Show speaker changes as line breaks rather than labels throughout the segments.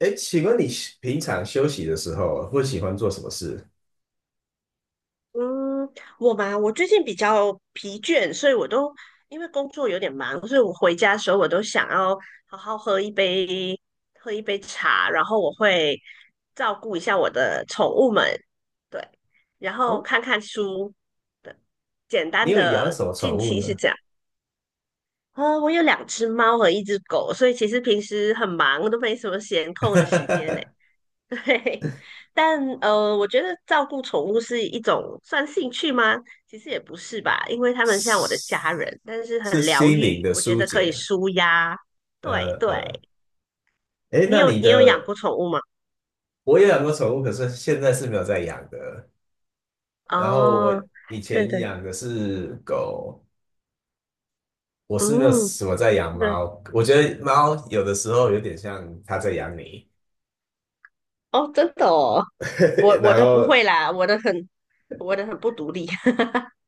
哎，请问你平常休息的时候会喜欢做什么事？
嗯，我嘛，我最近比较疲倦，所以我都因为工作有点忙，所以我回家的时候我都想要好好喝一杯茶，然后我会照顾一下我的宠物们，对，然后
哦，
看看书，对，简
你
单
有养
的
什么宠
近
物
期是
呢？
这样。啊，我有两只猫和一只狗，所以其实平时很忙，都没什么闲空的时间呢。对，但我觉得照顾宠物是一种算兴趣吗？其实也不是吧，因为他们像我的
是
家人，但是
是
很疗
心灵
愈，
的
我觉
疏
得可以
解。
舒压。对
呃
对，
呃，哎，
你
那
有
你
你有养
的
过宠物吗？
我也养过宠物，可是现在是没有在养的。然后我
哦，
以
对
前
对，
养的是狗，我是没有
嗯，
什么在养
对，
猫。我觉得猫有的时候有点像它在养你。
哦，真的哦，我 我
然
的不会
后
啦，我的很不独立。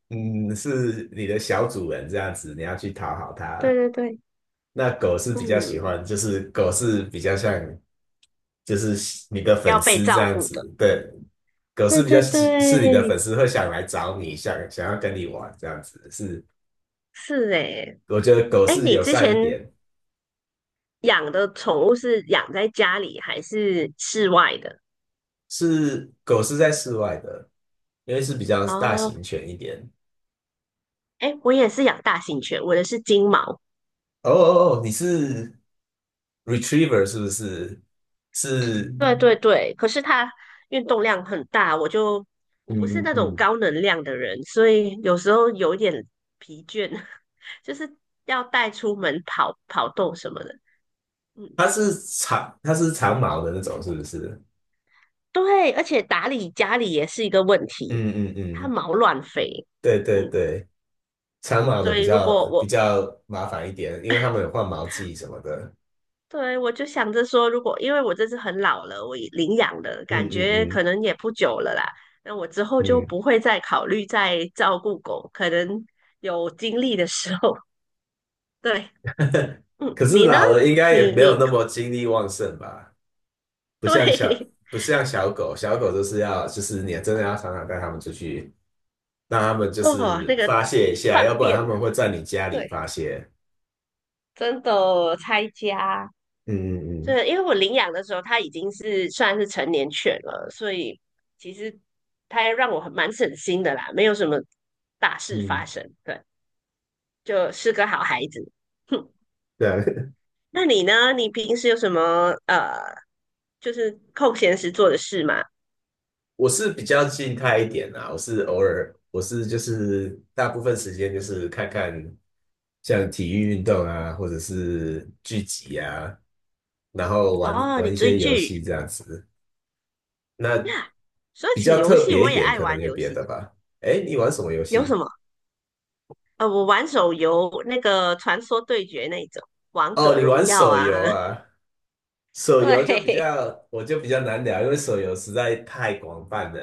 嗯，是你的小主人这样子，你要去讨好
对
它。
对对，
那狗是比较喜
嗯，
欢，就是狗是比较像，就是你的
要
粉
被
丝这
照
样
顾的。
子，对。狗是
对
比较
对
喜是你的
对，
粉丝会想来找你，想要跟你玩这样子。是，
是诶。
我觉得狗
哎，
是
你
友
之
善一
前
点。
养的宠物是养在家里还是室外的？
是狗是在室外的，因为是比较大
哦，
型犬一点。
哎，我也是养大型犬，我的是金毛。
哦哦哦，你是 retriever 是不是？是。
对对对，可是它运动量很大，我就我不是
嗯嗯
那种
嗯，
高能量的人，所以有时候有一点疲倦，就是要带出门跑跑动什么的。嗯，
它是它是长毛的那种是不是？
对，而且打理家里也是一个问题，
嗯嗯
它
嗯，
毛乱飞。
对对
嗯，
对。长毛的
所
比
以如
较
果
比
我
较麻烦一点，因为他们有换毛季什么的。
对，我就想着说，如果因为我这次很老了，我已领养了，
嗯
感觉可
嗯
能也不久了啦。那我之后就
嗯嗯。
不会再考虑再照顾狗，可能有精力的时候。对，嗯，
可是
你呢？
老了应该也
你
没有
你
那么精力旺盛吧？
对，
不像小狗，小狗就是要就是你真的要常常带它们出去，让它们 就
哦，
是
那个
发泄一下，要
放
不然
电，
它们会在你家里
对，
发泄。
真的拆家。
嗯嗯
对，因为我领养的时候，它已经是算是成年犬了，所以其实它让我很蛮省心的啦，没有什么大
嗯
事发
嗯，
生。对。就是个好孩子。哼，
对啊。
那你呢？你平时有什么就是空闲时做的事吗？
我是比较静态一点啦。我是就是大部分时间就是看看像体育运动啊，或者是聚集啊，然后玩
哦，你
玩一
追
些游
剧。
戏这样子。那
说
比
起
较
游
特
戏，
别
我
一
也
点，
爱
可能
玩
有
游
别
戏。
的吧。哎，你玩什么游
有什
戏？
么？我玩手游，那个《传说对决》那一种，《王
哦，
者
你玩
荣耀》
手
啊。
游 啊？手游就比
对，
较，我就比较难聊，因为手游实在太广泛了。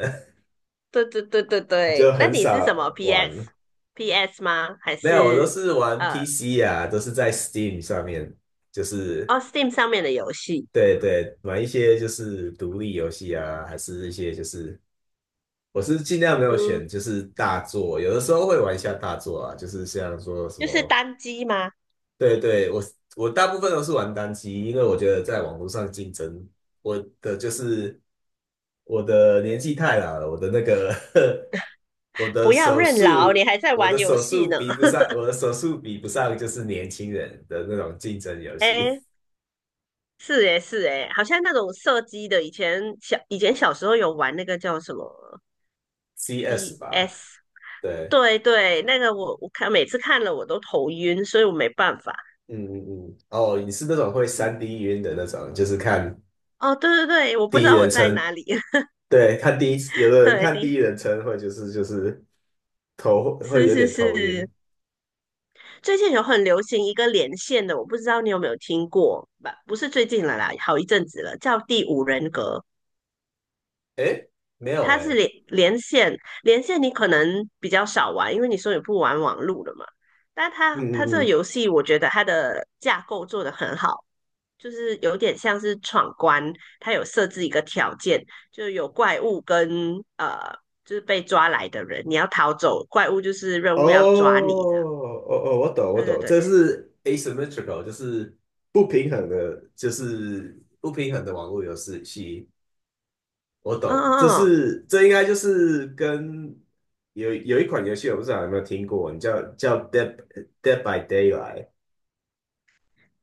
对对对对
我就
对。那
很
你是什
少
么 PS,
玩。
PS 吗？还
没有，我都
是
是玩
呃，
PC 啊，都是在 Steam 上面，就是
哦，Steam 上面的游戏？
对对，玩一些就是独立游戏啊，还是一些我是尽量没有
嗯，
选，就是大作，有的时候会玩一下大作啊，就是像说什
就是
么。
单机吗？
对对，我大部分都是玩单机，因为我觉得在网络上竞争，我的就是我的年纪太老了，我的那个 我的
不要
手
认老，你
速，
还在玩游戏呢。
我的手速比不上就是年轻人的那种竞争游戏
哎，是诶、是诶、好像那种射击的，以前小时候有玩那个叫什么
，CS 吧，
CS,
对。
对对，那个我看每次看了我都头晕，所以我没办法。
嗯嗯嗯。哦，你是那种会三
嗯，
d 晕的那种，就是看
哦，对对对，我不知
第一
道我
人
在
称。
哪里。
对，看第一次，有的人
对
看
的，
第一人称会头会
是
有
是
点头
是，
晕。
最近有很流行一个连线的，我不知道你有没有听过吧？不是最近了啦，好一阵子了，叫第五人格。
诶，没有
它是
诶。
连线，连线你可能比较少玩，因为你说你不玩网路了嘛。但它
嗯
它这
嗯
个
嗯。
游戏，我觉得它的架构做得很好，就是有点像是闯关，它有设置一个条件，就有怪物跟就是被抓来的人，你要逃走，怪物就是任
哦
务要抓你这样。
哦哦，我懂我
对对
懂，
对，
这是 asymmetrical，就是不平衡的，网络游戏。我
嗯
懂。
嗯
这应该就是跟有一款游戏，我不知道有没有听过，你叫 Dead by Daylight。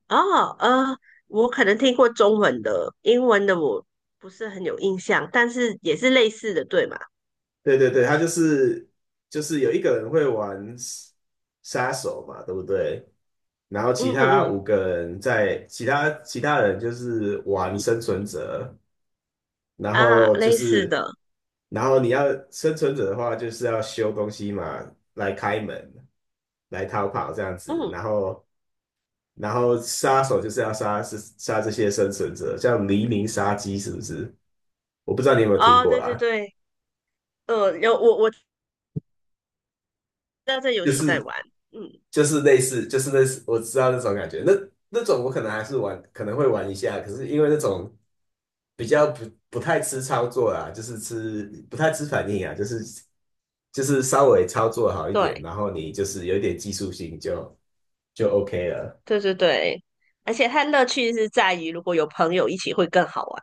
嗯，我可能听过中文的，英文的我不是很有印象，但是也是类似的，对嘛？
对对对，它就是有一个人会玩杀手嘛，对不对？然后
嗯
其
嗯
他五
嗯。
个人其他人就是玩生存者，然
啊，
后就
类似
是
的，
然后你要生存者的话，就是要修东西嘛，来开门，来逃跑这样子，
嗯，
然后。然后杀手就是是杀这些生存者，像黎明杀机是不是？我不知道你有没有听
哦，
过
对对
啦。
对，有我知道这游
就
戏在
是
玩，嗯，
就是类似，我知道那种感觉，那种我可能会玩一下，可是因为那种比较不太吃操作啦，就是吃不太吃反应啊，就是稍微操作好一点，
对
然后你就是有一点技术性就 OK 了。
对对对，而且它乐趣是在于如果有朋友一起会更好玩，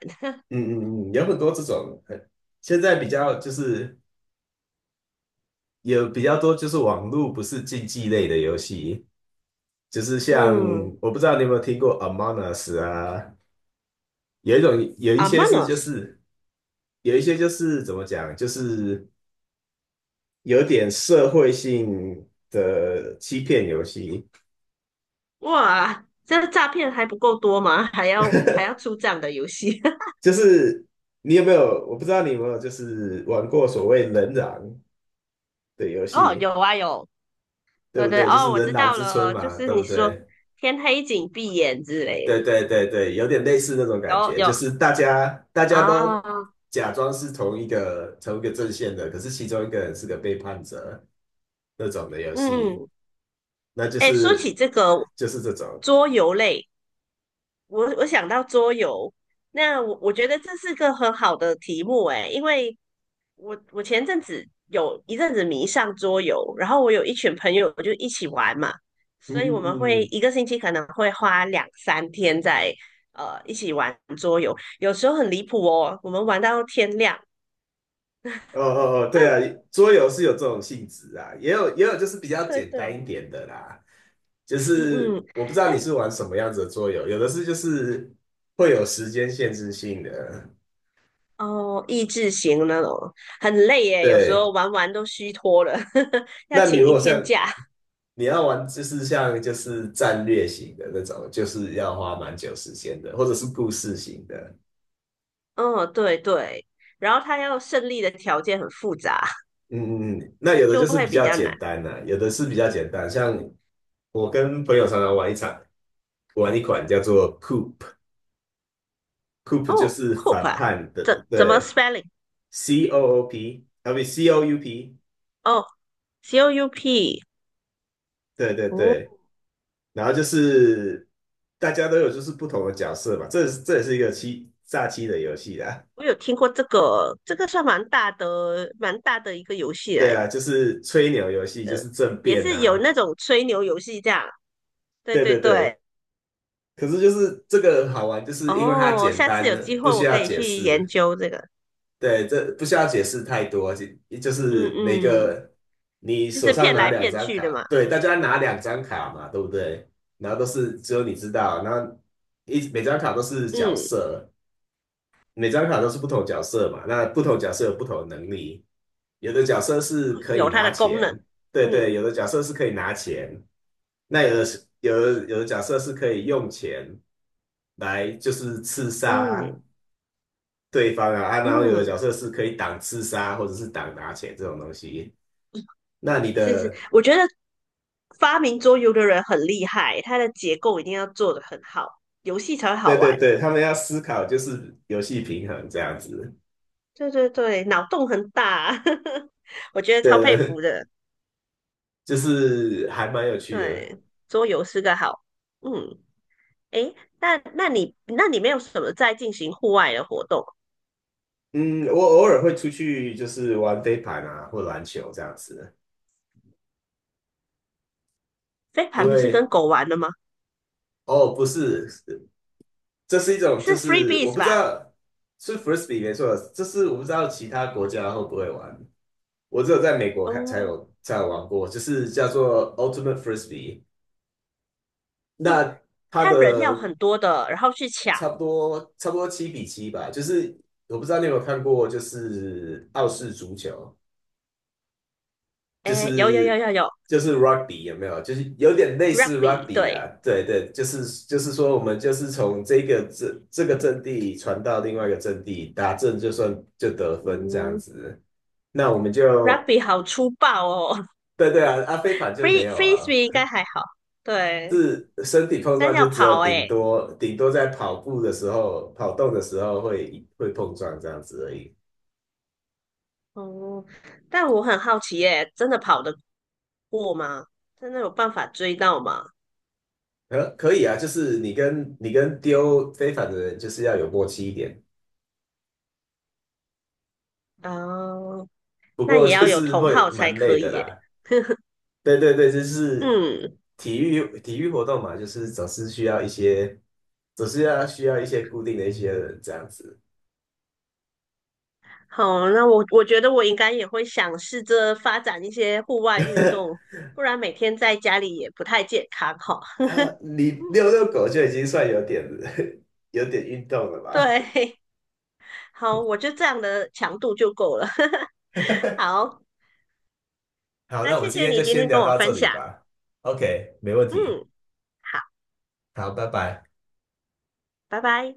嗯嗯嗯。有很多这种，现在比较就是。有比较多就是网络不是竞技类的游戏，就是像
嗯
我不知道你有没有听过 Among Us 啊，有一些
，Among
就
Us,
是有一些就是怎么讲，就是有点社会性的欺骗游戏，
哇，这诈骗还不够多吗？还要还要出这样的游戏？
就是你有没有我不知道你有没有就是玩过所谓人狼的游
哦，
戏，
有啊有，
对
对
不
对，
对？就
哦，
是
我
人
知
狼
道
之春
了，就
嘛，
是
对
你
不
说
对？
天黑请闭眼之类的，
对对对对，有点类似那种感
有
觉，就
有
是大家
啊，
都假装是同一个阵线的，可是其中一个人是个背叛者那种的游戏，
嗯，
那
哎，说起这个
就是这种。
桌游类。我想到桌游，那我觉得这是个很好的题目诶，因为我前阵子有一阵子迷上桌游，然后我有一群朋友就一起玩嘛，
嗯
所
嗯
以我们
嗯
会
嗯。
一个星期可能会花2、3天在一起玩桌游，有时候很离谱哦，我们玩到天亮。
哦哦哦，对啊，桌游是有这种性质啊，也有就是比较
对
简单
对，
一点的啦，就
嗯
是
嗯，
我不知道
哎
你是玩什么样子的桌游，有的是就是会有时间限制性的。
哦，益智型那种很累耶，有时候
对，
玩玩都虚脱了，要
那你
请
如
一
果
天
像
假。
你要玩就是像就是战略型的那种，就是要花蛮久时间的，或者是故事型的。
嗯，对对，然后他要胜利的条件很复杂，
嗯嗯嗯。那 有的就
就
是
会
比
比
较
较难。
简单的、有的是比较简单。像我跟朋友常常玩一场，玩一款叫做 Coop，Coop 就
哦
是
，coop
反
啊，
叛
怎
的，
怎么
对
spelling？
，C O O P，啊不 C O U P，
哦，COUP,
对对
哦，
对。然后就是大家都有就是不同的角色嘛，这也是一个欺炸欺的游戏啦。
我有听过这个，这个算蛮大的，蛮大的一个游戏
对
来的，
啊，就是吹牛游戏，就是政
也
变
是有
啊。
那种吹牛游戏这样。对
对
对
对
对，
对，可是就是这个好玩，就是因为它
哦，
简
下次
单，
有机
不
会
需
我可
要
以
解
去研
释。
究这个。
对，这不需要解释太多，就
嗯
是每
嗯，
个你
就
手
是
上
骗
拿
来
两
骗
张
去的
卡，
嘛。
对，大家拿两张卡嘛，对不对？然后都是只有你知道，然后每张卡都是角
嗯，
色，每张卡都是不同角色嘛，那不同角色有不同的能力，有的角色是可以
有它
拿
的功能。
钱，对对，
嗯
有的角色是可以拿钱，那有的是有的角色是可以用钱来就是刺杀
嗯
对方啊。啊，然后有的
嗯。
角色是可以挡刺杀或者是挡拿钱这种东西。那你
是是，
的
我觉得发明桌游的人很厉害，它的结构一定要做得很好，游戏才会好
对对
玩。
对，他们要思考就是游戏平衡这样子，
对对对，脑洞很大，我觉得超佩服
对。
的。
就是还蛮有趣的。
对，桌游是个好，嗯，诶，那那你没有什么在进行户外的活动？
嗯，我偶尔会出去，就是玩飞盘啊，或篮球这样子。
飞
因
盘不是跟
为
狗玩的吗？
哦，不是，这是一种，就
是
是我
freebies
不知
吧？
道是 frisbee 没错，这是我不知道其他国家会不会玩。我只有在美国看
哦
才有玩过，就是叫做 Ultimate Frisbee。
哦，
那它
他人要
的
很多的，然后去抢。
差不多7-7吧，就是我不知道你有没有看过，就是澳式足球。就
诶，有有有
是
有有
就是 rugby 有没有？就是有点类似
，rugby
rugby
对，
啊，对对，就是说我们就是从这这个阵地传到另外一个阵地，打阵就得分这样
嗯
子。那我们就
，rugby 好粗暴哦。
对对啊。啊飞盘就
free
没有
free
啊，
swing 应该还好，对，
是身体碰
但
撞
是要
就只有
跑哎、
顶多在跑动的时候会碰撞这样子而已。
哦、但我很好奇哎、真的跑得过吗？真的有办法追到吗？
可以啊，就是你跟丢飞盘的人就是要有默契一点。
哦，
不
那
过
也要
就
有
是
同
会
好才
蛮
可
累的
以哎、
啦。对对对，就是
嗯，
体育活动嘛，就是总是需要一些，总是要需要一些固定的一些人这样子。
好，那我觉得我应该也会想试着发展一些户外运动，不然每天在家里也不太健康哈。
啊，你遛遛狗就已经算有点 有点运动了吧？
对，好，我就这样的强度就够了。好，
好，那
那
我们
谢
今
谢
天
你
就
今
先
天
聊
跟我
到这
分
里
享，
吧。OK，没问题。
嗯，好，
好，拜拜。
拜拜。